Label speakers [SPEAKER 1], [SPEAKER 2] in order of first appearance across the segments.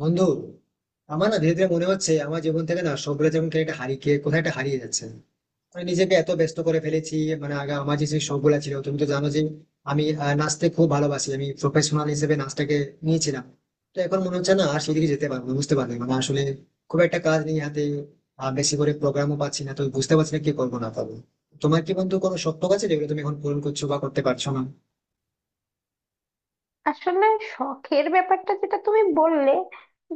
[SPEAKER 1] বন্ধু, আমার না ধীরে ধীরে মনে হচ্ছে আমার জীবন থেকে না সবগুলো যেমন কেন একটা হারিয়ে কোথায় একটা হারিয়ে যাচ্ছে। মানে নিজেকে এত ব্যস্ত করে ফেলেছি। মানে আগে আমার যে সেই শখগুলো ছিল তুমি তো জানো যে আমি নাচতে খুব ভালোবাসি, আমি প্রফেশনাল হিসেবে নাচটাকে নিয়েছিলাম। তো এখন মনে হচ্ছে না আর সেদিকে যেতে পারবো না, বুঝতে পারবে মানে আসলে খুব একটা কাজ নেই হাতে। আর বেশি করে প্রোগ্রামও পাচ্ছি না তো বুঝতে পারছি না কি করবো না পারবো। তোমার কি বন্ধু কোনো শখ টখ আছে যেগুলো তুমি এখন পূরণ করছো বা করতে পারছো না?
[SPEAKER 2] আসলে শখের ব্যাপারটা যেটা তুমি বললে,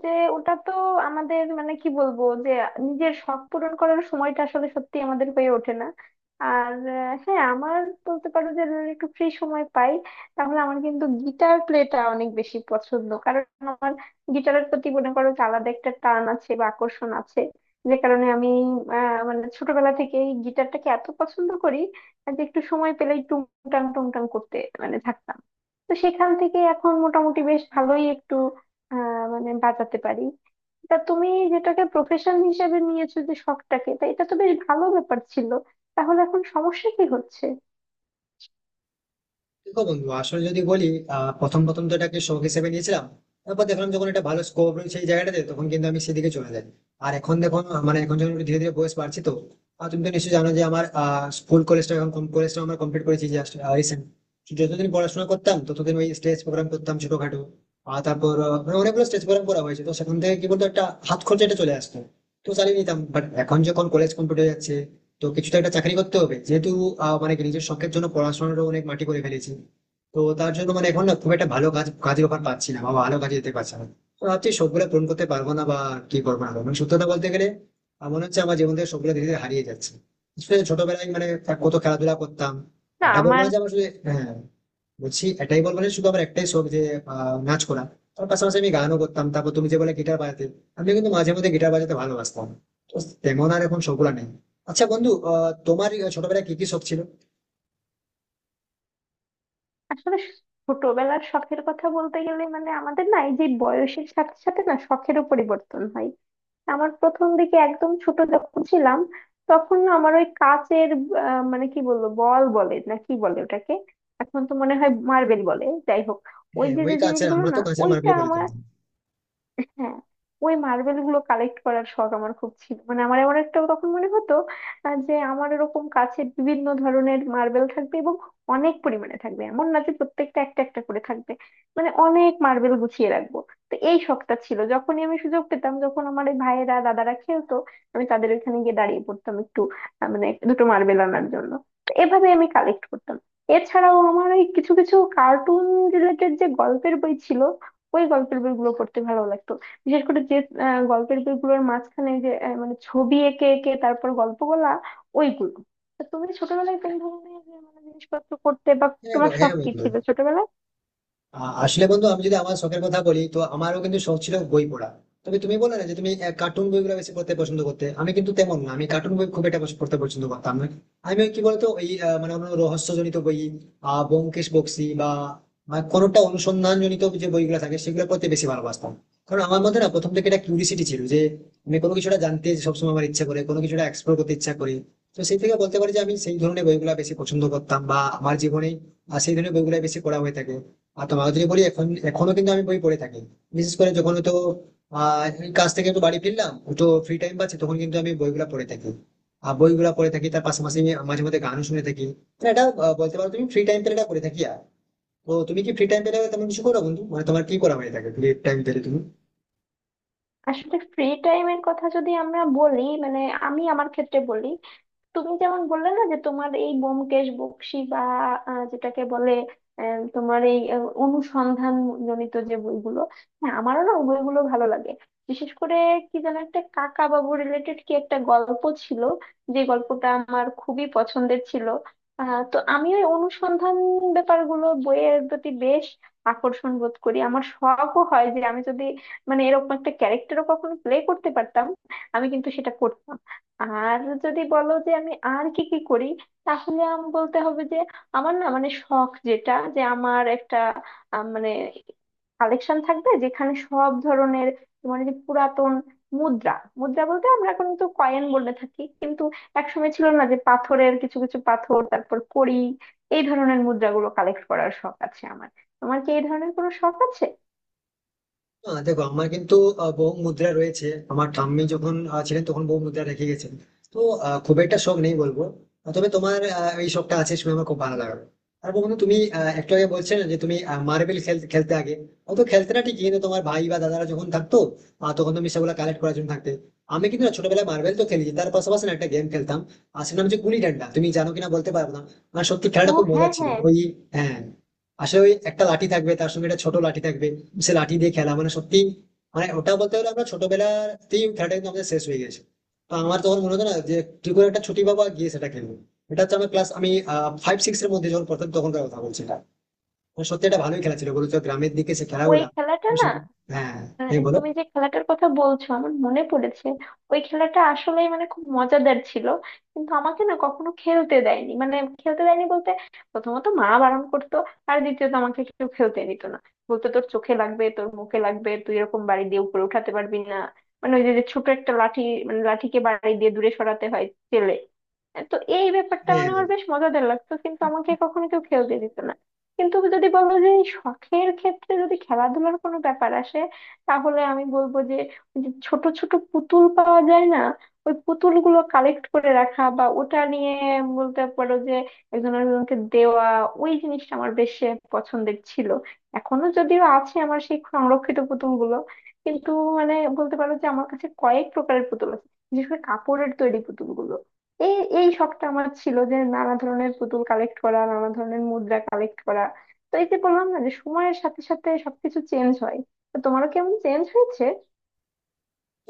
[SPEAKER 2] যে ওটা তো আমাদের, মানে কি বলবো যে নিজের শখ পূরণ করার সময়টা আসলে সত্যি আমাদের হয়ে ওঠে না। আর হ্যাঁ, আমার বলতে পারো যে যদি একটু ফ্রি সময় পাই, তাহলে আমার কিন্তু গিটার প্লেটা অনেক বেশি পছন্দ। কারণ আমার গিটারের প্রতি মনে করো যে আলাদা একটা টান আছে বা আকর্ষণ আছে। যে কারণে আমি মানে ছোটবেলা থেকেই গিটারটাকে এত পছন্দ করি, যে একটু সময় পেলেই টুংটাং টুংটাং করতে মানে থাকতাম। তো সেখান থেকে এখন মোটামুটি বেশ ভালোই একটু মানে বাঁচাতে পারি। তা তুমি যেটাকে প্রফেশন হিসেবে নিয়েছো, যে শখটাকে, তা এটা তো বেশ ভালো ব্যাপার ছিল। তাহলে এখন সমস্যা কি হচ্ছে?
[SPEAKER 1] দেখো বন্ধু, আসলে যদি বলি প্রথম প্রথম তো এটাকে শখ হিসেবে নিয়েছিলাম। তারপর দেখলাম যখন এটা ভালো স্কোপ রয়েছে এই জায়গাটাতে তখন কিন্তু আমি সেদিকে চলে যাই। আর এখন দেখো, মানে এখন যখন একটু ধীরে ধীরে বয়স বাড়ছে তো আর তুমি তো নিশ্চয়ই জানো যে আমার স্কুল কলেজটা এখন কলেজটা আমরা কমপ্লিট করেছি জাস্ট রিসেন্ট। যতদিন পড়াশোনা করতাম ততদিন ওই স্টেজ প্রোগ্রাম করতাম ছোটখাটো। আর তারপর মানে অনেকগুলো স্টেজ প্রোগ্রাম করা হয়েছে তো সেখান থেকে কি বলতো একটা হাত খরচাটা চলে আসতো। তো চালিয়ে নিতাম, বাট এখন যখন কলেজ কমপ্লিট হয়ে যাচ্ছে তো কিছু তো একটা চাকরি করতে হবে যেহেতু মানে নিজের শখের জন্য পড়াশোনাটা অনেক মাটি করে ফেলেছি। তো তার জন্য মানে এখন না খুব একটা ভালো কাজের অফার পাচ্ছি না বা ভালো কাজে যেতে পারছি না। তো ভাবছি সবগুলো পূরণ করতে পারবো না বা কি করবো না করবো। মানে সত্যি কথা বলতে গেলে আমার মনে হচ্ছে আমার জীবন থেকে সবগুলো ধীরে ধীরে হারিয়ে যাচ্ছে। আসলে ছোটবেলায় মানে কত খেলাধুলা করতাম।
[SPEAKER 2] না
[SPEAKER 1] আড্ডা বলবো
[SPEAKER 2] আমার
[SPEAKER 1] না যে আমার হ্যাঁ, বলছি এটাই বলবো যে শুধু আমার একটাই শখ যে নাচ করা। তার পাশাপাশি আমি গানও করতাম। তারপর তুমি যে বলে গিটার বাজাতে, আমি কিন্তু মাঝে মধ্যে গিটার বাজাতে ভালোবাসতাম। তো তেমন আর এখন শখগুলা নেই। আচ্ছা বন্ধু, তোমার এই ছোটবেলায় কি কি শখ ছিল?
[SPEAKER 2] আসলে ছোটবেলার শখের কথা বলতে গেলে, মানে আমাদের না এই যে বয়সের সাথে সাথে না শখেরও পরিবর্তন হয়। আমার প্রথম দিকে, একদম ছোট যখন ছিলাম, তখন না আমার ওই কাচের মানে কি বলবো, বল বলে না কি বলে ওটাকে, এখন তো মনে হয় মার্বেল বলে, যাই হোক, ওই
[SPEAKER 1] হ্যাঁ,
[SPEAKER 2] যে
[SPEAKER 1] ওই
[SPEAKER 2] যে
[SPEAKER 1] কাছের
[SPEAKER 2] জিনিসগুলো
[SPEAKER 1] আমরা তো
[SPEAKER 2] না
[SPEAKER 1] কাছের
[SPEAKER 2] ওইটা
[SPEAKER 1] মার্বেলই বলে
[SPEAKER 2] আমার,
[SPEAKER 1] থাকি।
[SPEAKER 2] হ্যাঁ, ওই মার্বেল গুলো কালেক্ট করার শখ আমার খুব ছিল। মানে আমার এমন একটা তখন মনে হতো, যে আমার এরকম কাছে বিভিন্ন ধরনের মার্বেল থাকবে এবং অনেক পরিমাণে থাকবে, এমন না যে প্রত্যেকটা একটা একটা করে থাকবে, মানে অনেক মার্বেল গুছিয়ে রাখবো। তো এই শখটা ছিল, যখনই আমি সুযোগ পেতাম, যখন আমার এই ভাইয়েরা দাদারা খেলতো, আমি তাদের ওখানে গিয়ে দাঁড়িয়ে পড়তাম একটু, মানে দুটো মার্বেল আনার জন্য। তো এভাবে আমি কালেক্ট করতাম। এছাড়াও আমার এই কিছু কিছু কার্টুন রিলেটেড যে গল্পের বই ছিল, ওই গল্পের বইগুলো পড়তে ভালো লাগতো। বিশেষ করে যে গল্পের বইগুলোর মাঝখানে যে মানে ছবি এঁকে এঁকে তারপর গল্প বলা, ওইগুলো। তা তুমি ছোটবেলায় কোন ধরনের মানে জিনিসপত্র করতে, বা
[SPEAKER 1] হ্যাঁ,
[SPEAKER 2] তোমার শখ
[SPEAKER 1] হ্যাঁ
[SPEAKER 2] কি
[SPEAKER 1] বন্ধু,
[SPEAKER 2] ছিল ছোটবেলায়?
[SPEAKER 1] আসলে বন্ধু আমি যদি আমার শখের কথা বলি তো আমারও কিন্তু শখ ছিল বই পড়া। তবে তুমি বলো না যে তুমি কার্টুন বইগুলো বেশি পড়তে পছন্দ করতে, আমি কিন্তু তেমন না, আমি কার্টুন বই খুব একটা বেশি পড়তে পছন্দ করতাম না। আমি ওই কি বলতো ওই মানে কোনো রহস্যজনিত বই, ব্যোমকেশ বক্সী বা মানে কোনোটা অনুসন্ধানজনিত যে বইগুলো থাকে সেগুলো পড়তে বেশি ভালোবাসতাম। কারণ আমার মধ্যে না প্রথম থেকে একটা কিউরিসিটি ছিল যে আমি কোনো কিছুটা জানতে সবসময় আমার ইচ্ছা করে, কোনো কিছুটা এক্সপ্লোর করতে ইচ্ছা করি। তো সেই থেকে বলতে পারি যে আমি সেই ধরনের বইগুলো বেশি পছন্দ করতাম বা আমার জীবনে আর সেই ধরনের বইগুলো বেশি পড়া হয়ে থাকে। আর তোমাকে যদি বলি এখন এখনো কিন্তু আমি বই পড়ে থাকি। বিশেষ করে যখন তো এই কাজ থেকে একটু বাড়ি ফিরলাম, একটু ফ্রি টাইম পাচ্ছি তখন কিন্তু আমি বইগুলা পড়ে থাকি। আর বইগুলা পড়ে থাকি তার পাশাপাশি আমি মাঝে মধ্যে গানও শুনে থাকি। মানে এটা বলতে পারো তুমি ফ্রি টাইম পেলে এটা করে থাকি। আর তো তুমি কি ফ্রি টাইম পেলে তেমন কিছু করো বন্ধু, মানে তোমার কি করা হয়ে থাকে ফ্রি টাইম পেলে তুমি?
[SPEAKER 2] আসলে ফ্রি টাইমের কথা যদি আমরা বলি, মানে আমি আমার ক্ষেত্রে বলি, তুমি যেমন বললে না যে তোমার এই ব্যোমকেশ বক্সী বা যেটাকে বলে তোমার এই অনুসন্ধান জনিত যে বইগুলো, হ্যাঁ আমারও না ওই বইগুলো ভালো লাগে। বিশেষ করে কি যেন একটা কাকা বাবু রিলেটেড কি একটা গল্প ছিল, যে গল্পটা আমার খুবই পছন্দের ছিল। তো আমি ওই অনুসন্ধান ব্যাপারগুলো বইয়ের প্রতি বেশ আকর্ষণ বোধ করি। আমার শখও হয় যে আমি যদি মানে এরকম একটা ক্যারেক্টারও কখনো প্লে করতে পারতাম, আমি কিন্তু সেটা করতাম। আর যদি বলো যে আমি আর কি কি করি, তাহলে আমি বলতে হবে যে আমার না, মানে শখ যেটা, যে আমার একটা মানে কালেকশন থাকবে, যেখানে সব ধরনের তোমার এই যে পুরাতন মুদ্রা, মুদ্রা বলতে আমরা এখন তো কয়েন বলে থাকি, কিন্তু একসময় ছিল না যে পাথরের কিছু কিছু পাথর, তারপর কড়ি, এই ধরনের মুদ্রাগুলো কালেক্ট করার শখ আছে আমার। তোমার কি এই ধরনের কোনো শখ আছে?
[SPEAKER 1] না, দেখো আমার কিন্তু বহু মুদ্রা রয়েছে। আমার ঠাম্মি যখন ছিলেন তখন বহু মুদ্রা রেখে গেছেন। তো খুব একটা শখ নেই বলবো। তবে তোমার এই শখটা আছে শুনে আমার খুব ভালো লাগলো। আর বন্ধু তুমি একটু আগে বলছিলে না যে তুমি মার্বেল খেলতে আগে, ও তো খেলতে না ঠিকই কিন্তু তোমার ভাই বা দাদারা যখন থাকতো তখন তুমি সেগুলো কালেক্ট করার জন্য থাকতে। আমি কিন্তু না ছোটবেলায় মার্বেল তো খেলেছি, তার পাশাপাশি না একটা গেম খেলতাম। আর সেটা নাম হচ্ছে গুলি ডান্ডা, তুমি জানো কিনা বলতে পারবো না। আর সত্যি
[SPEAKER 2] ও
[SPEAKER 1] খেলাটা খুব মজা
[SPEAKER 2] হ্যাঁ
[SPEAKER 1] ছিল
[SPEAKER 2] হ্যাঁ,
[SPEAKER 1] ওই। হ্যাঁ, আসলে ওই একটা লাঠি থাকবে তার সঙ্গে একটা ছোট লাঠি থাকবে, সে লাঠি দিয়ে খেলা মানে সত্যি মানে ওটা বলতে গেলে আমরা ছোটবেলাতেই ওই খেলাটা কিন্তু আমাদের শেষ হয়ে গেছে। তো আমার তখন মনে হতো না যে কি করে একটা ছুটি পাবো আর গিয়ে সেটা খেলবো। এটা হচ্ছে আমার ক্লাস আমি ফাইভ সিক্স এর মধ্যে যখন প্রথম, তখনকার কথা বলছি এটা। মানে সত্যি এটা ভালোই খেলা ছিল বলতো গ্রামের দিকে সে
[SPEAKER 2] ওই
[SPEAKER 1] খেলাগুলা।
[SPEAKER 2] খেলাটা
[SPEAKER 1] তো
[SPEAKER 2] না,
[SPEAKER 1] হ্যাঁ, এই বলো।
[SPEAKER 2] তুমি যে খেলাটার কথা বলছো আমার মনে পড়েছে। ওই খেলাটা আসলে মানে খুব মজাদার ছিল, কিন্তু আমাকে না কখনো খেলতে দেয়নি, মানে খেলতে দেয়নি বলতে, প্রথমত মা বারণ করতো, আর দ্বিতীয়ত আমাকে কেউ খেলতে দিত না। বলতো তোর চোখে লাগবে, তোর মুখে লাগবে, তুই এরকম বাড়ি দিয়ে উপরে উঠাতে পারবি না। মানে ওই যে যে ছোট একটা লাঠি, মানে লাঠিকে বাড়ি দিয়ে দূরে সরাতে হয়, চেলে। তো এই ব্যাপারটা
[SPEAKER 1] হ্যাঁ,
[SPEAKER 2] মানে আমার বেশ মজাদার লাগতো, কিন্তু আমাকে কখনো কেউ খেলতে দিত না। কিন্তু যদি বলো যে এই শখের ক্ষেত্রে যদি খেলাধুলার কোনো ব্যাপার আসে, তাহলে আমি বলবো যে ওই যে ছোট ছোট পুতুল পাওয়া যায় না, ওই পুতুলগুলো কালেক্ট করে রাখা, বা ওটা নিয়ে বলতে পারো যে একজন আরেকজনকে দেওয়া, ওই জিনিসটা আমার বেশ পছন্দের ছিল। এখনো যদিও আছে আমার সেই সংরক্ষিত পুতুলগুলো। কিন্তু মানে বলতে পারো যে আমার কাছে কয়েক প্রকারের পুতুল আছে, বিশেষ করে কাপড়ের তৈরি পুতুলগুলো। এই এই শখটা আমার ছিল, যে নানা ধরনের পুতুল কালেক্ট করা, নানা ধরনের মুদ্রা কালেক্ট করা। তো এই যে বললাম না যে সময়ের সাথে সাথে সবকিছু চেঞ্জ হয়, তো তোমারও কেমন চেঞ্জ হয়েছে?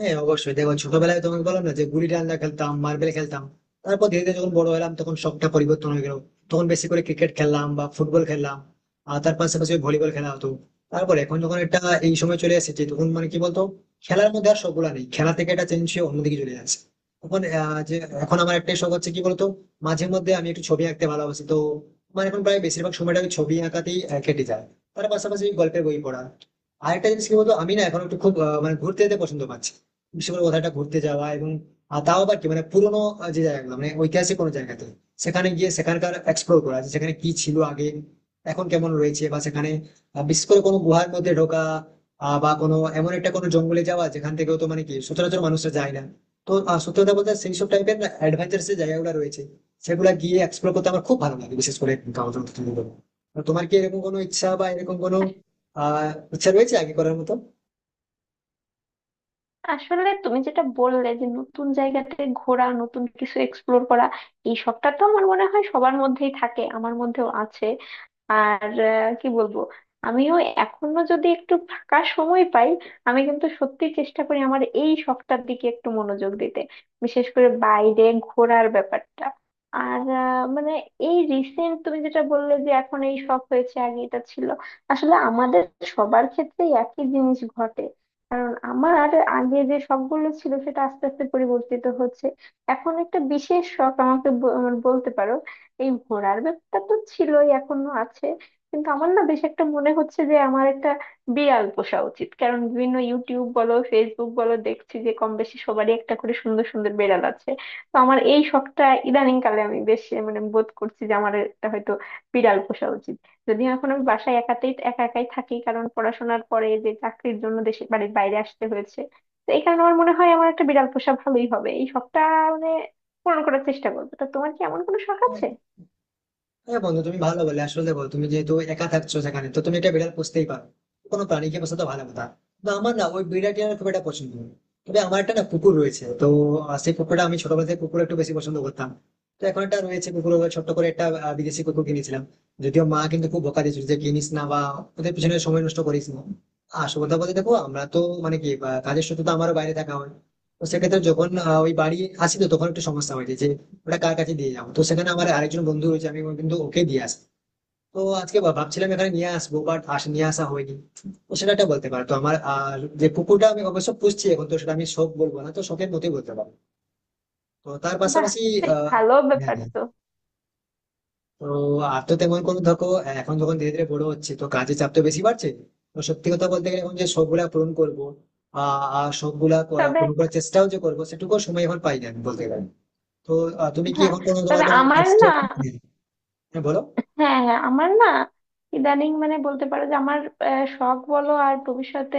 [SPEAKER 1] হ্যাঁ অবশ্যই। দেখো ছোটবেলায় তোমাকে বললাম না যে গুলি ডান্ডা খেলতাম, মার্বেল খেলতাম। তারপর ধীরে ধীরে যখন বড় হলাম তখন শখটা পরিবর্তন হয়ে গেল, তখন বেশি করে ক্রিকেট খেললাম বা ফুটবল খেললাম। আর তার পাশাপাশি ভলিবল খেলা হতো। তারপর এখন যখন একটা এই সময় চলে এসেছে তখন মানে কি বলতো খেলার মধ্যে আর সবগুলা নেই, খেলা থেকে এটা চেঞ্জ হয়ে অন্যদিকে চলে যাচ্ছে। এখন যে এখন আমার একটাই শখ হচ্ছে কি বলতো, মাঝে মধ্যে আমি একটু ছবি আঁকতে ভালোবাসি। তো মানে এখন প্রায় বেশিরভাগ সময়টা আমি ছবি আঁকাতেই কেটে যায়। তার পাশাপাশি গল্পের বই পড়া। আরেকটা জিনিস কি বলতো আমি না এখন একটু খুব মানে ঘুরতে যেতে পছন্দ পাচ্ছি। বিশেষ করে কোথাও একটা ঘুরতে যাওয়া এবং তাও আবার কি মানে পুরোনো যে জায়গাগুলো মানে ঐতিহাসিক কোনো জায়গাতে সেখানে গিয়ে সেখানকার এক্সপ্লোর করা, যে সেখানে কি ছিল আগে এখন কেমন রয়েছে বা সেখানে বিশেষ করে কোনো গুহার মধ্যে ঢোকা, বা কোনো এমন একটা কোনো জঙ্গলে যাওয়া যেখান থেকেও তো মানে কি সচরাচর মানুষরা যায় না। তো সত্যি কথা বলতে সেই সব টাইপের অ্যাডভেঞ্চারস এর জায়গাগুলো রয়েছে, সেগুলা গিয়ে এক্সপ্লোর করতে আমার খুব ভালো লাগে, বিশেষ করে গাওদর। তোমার কি এরকম কোনো ইচ্ছা বা এরকম কোনো আহ ইচ্ছা রয়েছে আগে করার মতো?
[SPEAKER 2] আসলে তুমি যেটা বললে যে নতুন জায়গাতে ঘোরা, নতুন কিছু এক্সপ্লোর করা, এই শখটা তো আমার মনে হয় সবার মধ্যেই থাকে, আমার মধ্যেও আছে। আর কি বলবো, আমিও এখনো যদি একটু ফাঁকা সময় পাই, আমি কিন্তু সত্যি চেষ্টা করি আমার এই শখটার দিকে একটু মনোযোগ দিতে, বিশেষ করে বাইরে ঘোরার ব্যাপারটা। আর মানে এই রিসেন্ট তুমি যেটা বললে যে এখন এই শখ হয়েছে, আগে এটা ছিল, আসলে আমাদের সবার ক্ষেত্রেই একই জিনিস ঘটে। কারণ আমার আর আগে যে শখগুলো ছিল সেটা আস্তে আস্তে পরিবর্তিত হচ্ছে। এখন একটা বিশেষ শখ আমাকে মানে বলতে পারো, এই ঘোরার ব্যাপারটা তো ছিলই, এখনো আছে, কিন্তু আমার না বেশ একটা মনে হচ্ছে যে আমার একটা বিড়াল পোষা উচিত। কারণ বিভিন্ন ইউটিউব বলো, ফেসবুক বলো, দেখছি যে কম বেশি সবারই একটা করে সুন্দর সুন্দর বিড়াল আছে। তো আমার এই শখটা ইদানিং কালে আমি বেশ মানে বোধ করছি যে আমার একটা হয়তো বিড়াল পোষা উচিত। যদিও এখন আমি বাসায় একাতেই একা একাই থাকি, কারণ পড়াশোনার পরে যে চাকরির জন্য দেশের বাড়ির বাইরে আসতে হয়েছে। তো এই কারণে আমার মনে হয় আমার একটা বিড়াল পোষা ভালোই হবে, এই শখটা মানে পূরণ করার চেষ্টা করবো। তা তোমার কি এমন কোনো শখ
[SPEAKER 1] হ্যাঁ,
[SPEAKER 2] আছে?
[SPEAKER 1] হ্যাঁ বন্ধু, তুমি ভালো বলে আসলে দেখো তুমি যেহেতু একা থাকছো সেখানে তো তুমি একটা বিড়াল পুষতেই পারো, কোনো প্রাণীকে পোষা তো ভালো কথা। তো আমার না ওই বিড়ালটি আমার খুব একটা পছন্দ নয়। তবে আমার একটা না কুকুর রয়েছে তো সেই কুকুরটা আমি ছোটবেলা থেকে কুকুর একটু বেশি পছন্দ করতাম। তো এখন একটা রয়েছে কুকুর, ওই ছোট্ট করে একটা বিদেশি কুকুর কিনেছিলাম। যদিও মা কিন্তু খুব বকা দিয়েছিল যে কিনিস না বা ওদের পিছনে সময় নষ্ট করিস না। আসল কথা বলতে দেখো আমরা তো মানে কি কাজের সূত্রে তো আমারও বাইরে থাকা হয়। তো সেক্ষেত্রে যখন ওই বাড়ি আসি তো তখন একটু সমস্যা হয়েছে যে ওটা কার কাছে দিয়ে যাবো, তো সেখানে আমার আরেকজন বন্ধু রয়েছে আমি কিন্তু ওকে দিয়ে আসি। তো আজকে ভাবছিলাম এখানে নিয়ে আসবো বাট আস নিয়ে আসা হয়নি। তো সেটা একটা বলতে পারো। তো আমার আর যে পুকুরটা আমি অবশ্য পুষছি এখন তো সেটা আমি শখ বলবো না তো শখের মতোই বলতে পারো। তো তার
[SPEAKER 2] বাহ,
[SPEAKER 1] পাশাপাশি
[SPEAKER 2] বেশ
[SPEAKER 1] আহ
[SPEAKER 2] ভালো
[SPEAKER 1] হ্যাঁ,
[SPEAKER 2] ব্যাপার
[SPEAKER 1] হ্যাঁ।
[SPEAKER 2] তো।
[SPEAKER 1] তো আর তো তেমন কোনো ধকো এখন যখন ধীরে ধীরে বড় হচ্ছে তো কাজের চাপ তো বেশি বাড়ছে। তো সত্যি কথা বলতে গেলে এখন যে শখ গুলা পূরণ করবো আর শখ গুলা
[SPEAKER 2] তবে
[SPEAKER 1] পূরণ করার চেষ্টাও যে করবো সেটুকু সময় এখন পাই না আমি বলতে গেলে। তো তুমি কি
[SPEAKER 2] হ্যাঁ,
[SPEAKER 1] এখন কোনো তোমার
[SPEAKER 2] তবে
[SPEAKER 1] কোনো
[SPEAKER 2] আমার
[SPEAKER 1] এক্সট্রা
[SPEAKER 2] না,
[SPEAKER 1] হ্যাঁ বলো
[SPEAKER 2] হ্যাঁ হ্যাঁ, আমার না ইদানিং মানে বলতে পারো যে আমার শখ বলো আর ভবিষ্যতে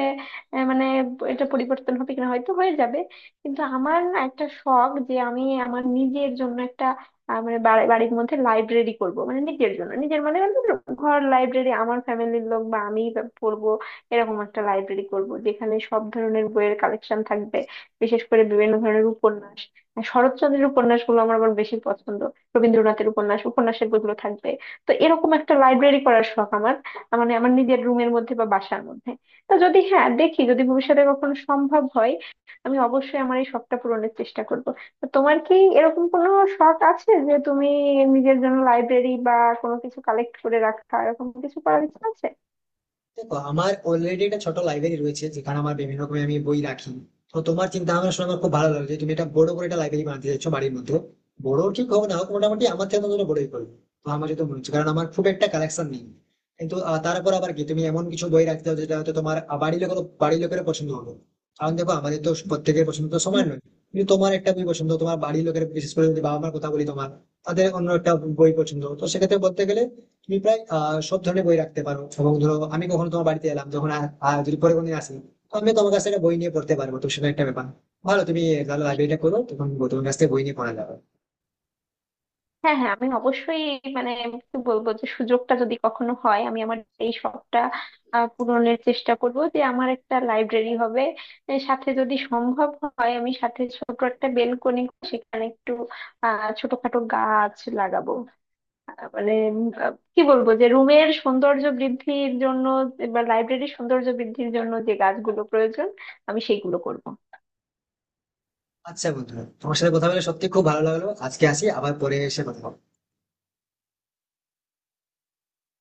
[SPEAKER 2] মানে এটা পরিবর্তন হবে কিনা, হয়তো হয়ে যাবে, কিন্তু আমার না একটা শখ, যে আমি আমার নিজের জন্য একটা মানে বাড়ির মধ্যে লাইব্রেরি করব। মানে নিজের জন্য, নিজের মানে, মানে ধরো ঘর লাইব্রেরি, আমার ফ্যামিলির লোক বা আমি পড়বো, এরকম একটা লাইব্রেরি করব যেখানে সব ধরনের বইয়ের কালেকশন থাকবে। বিশেষ করে বিভিন্ন ধরনের উপন্যাস, শরৎচন্দ্রের উপন্যাসগুলো আমার আবার বেশি পছন্দ, রবীন্দ্রনাথের উপন্যাসের বইগুলো থাকবে। তো এরকম একটা লাইব্রেরি করার শখ আমার, আ, মানে আমার নিজের রুমের মধ্যে বা বাসার মধ্যে। তো যদি, হ্যাঁ দেখি যদি ভবিষ্যতে কখনো সম্ভব হয়, আমি অবশ্যই আমার এই শখটা পূরণের চেষ্টা করব। তো তোমার কি এরকম কোনো শখ আছে যে তুমি নিজের জন্য লাইব্রেরি বা কোনো কিছু কালেক্ট করে রাখা এরকম কিছু করার ইচ্ছা আছে?
[SPEAKER 1] দেখো আমার অলরেডি একটা ছোট লাইব্রেরি রয়েছে যেখানে আমার বিভিন্ন রকমের আমি বই রাখি। তো তোমার চিন্তা ভাবনা শুনে আমার খুব ভালো লাগলো যে তুমি একটা বড় করে একটা লাইব্রেরি বানাতে চাইছো বাড়ির মধ্যে। বড় ঠিক হোক না হোক মোটামুটি আমার থেকে তোমার বড়ই করবে। তো আমার যেটা মনে হচ্ছে কারণ আমার খুব একটা কালেকশন নেই, কিন্তু তারপর আবার কি তুমি এমন কিছু বই রাখতে হবে যেটা হয়তো তোমার বাড়ির লোকের বাড়ির লোকের পছন্দ হবে। কারণ দেখো আমাদের তো প্রত্যেকের পছন্দ তো সমান নয়। কিন্তু তোমার একটা বই পছন্দ, তোমার বাড়ির লোকের বিশেষ করে যদি বাবা মার কথা বলি, তোমার তাদের অন্য একটা বই পছন্দ। তো সেক্ষেত্রে বলতে গেলে তুমি প্রায় সব ধরনের বই রাখতে পারো। এবং ধরো আমি কখনো তোমার বাড়িতে এলাম যখন, আর আর যদি পরে কোনোদিন আসি তো আমি তোমার কাছে একটা বই নিয়ে পড়তে পারবো, তো সেটা একটা ব্যাপার ভালো। তুমি তাহলে লাইব্রেরিটা করো তখন তোমার কাছ থেকে বই নিয়ে পড়া যাবে।
[SPEAKER 2] হ্যাঁ হ্যাঁ, আমি অবশ্যই মানে কি বলবো, যে সুযোগটা যদি কখনো হয়, আমি আমার এই শখটা পূরণের চেষ্টা করব, যে আমার একটা লাইব্রেরি হবে। এর সাথে যদি সম্ভব হয় আমি সাথে ছোট একটা বেলকনি, সেখানে একটু ছোটখাটো গাছ লাগাবো। মানে কি বলবো, যে রুমের সৌন্দর্য বৃদ্ধির জন্য বা লাইব্রেরির সৌন্দর্য বৃদ্ধির জন্য যে গাছগুলো প্রয়োজন, আমি সেইগুলো করব।
[SPEAKER 1] আচ্ছা বন্ধুরা, তোমার সাথে কথা বলে সত্যি খুব ভালো লাগলো, আজকে আসি আবার পরে এসে কথা হবে।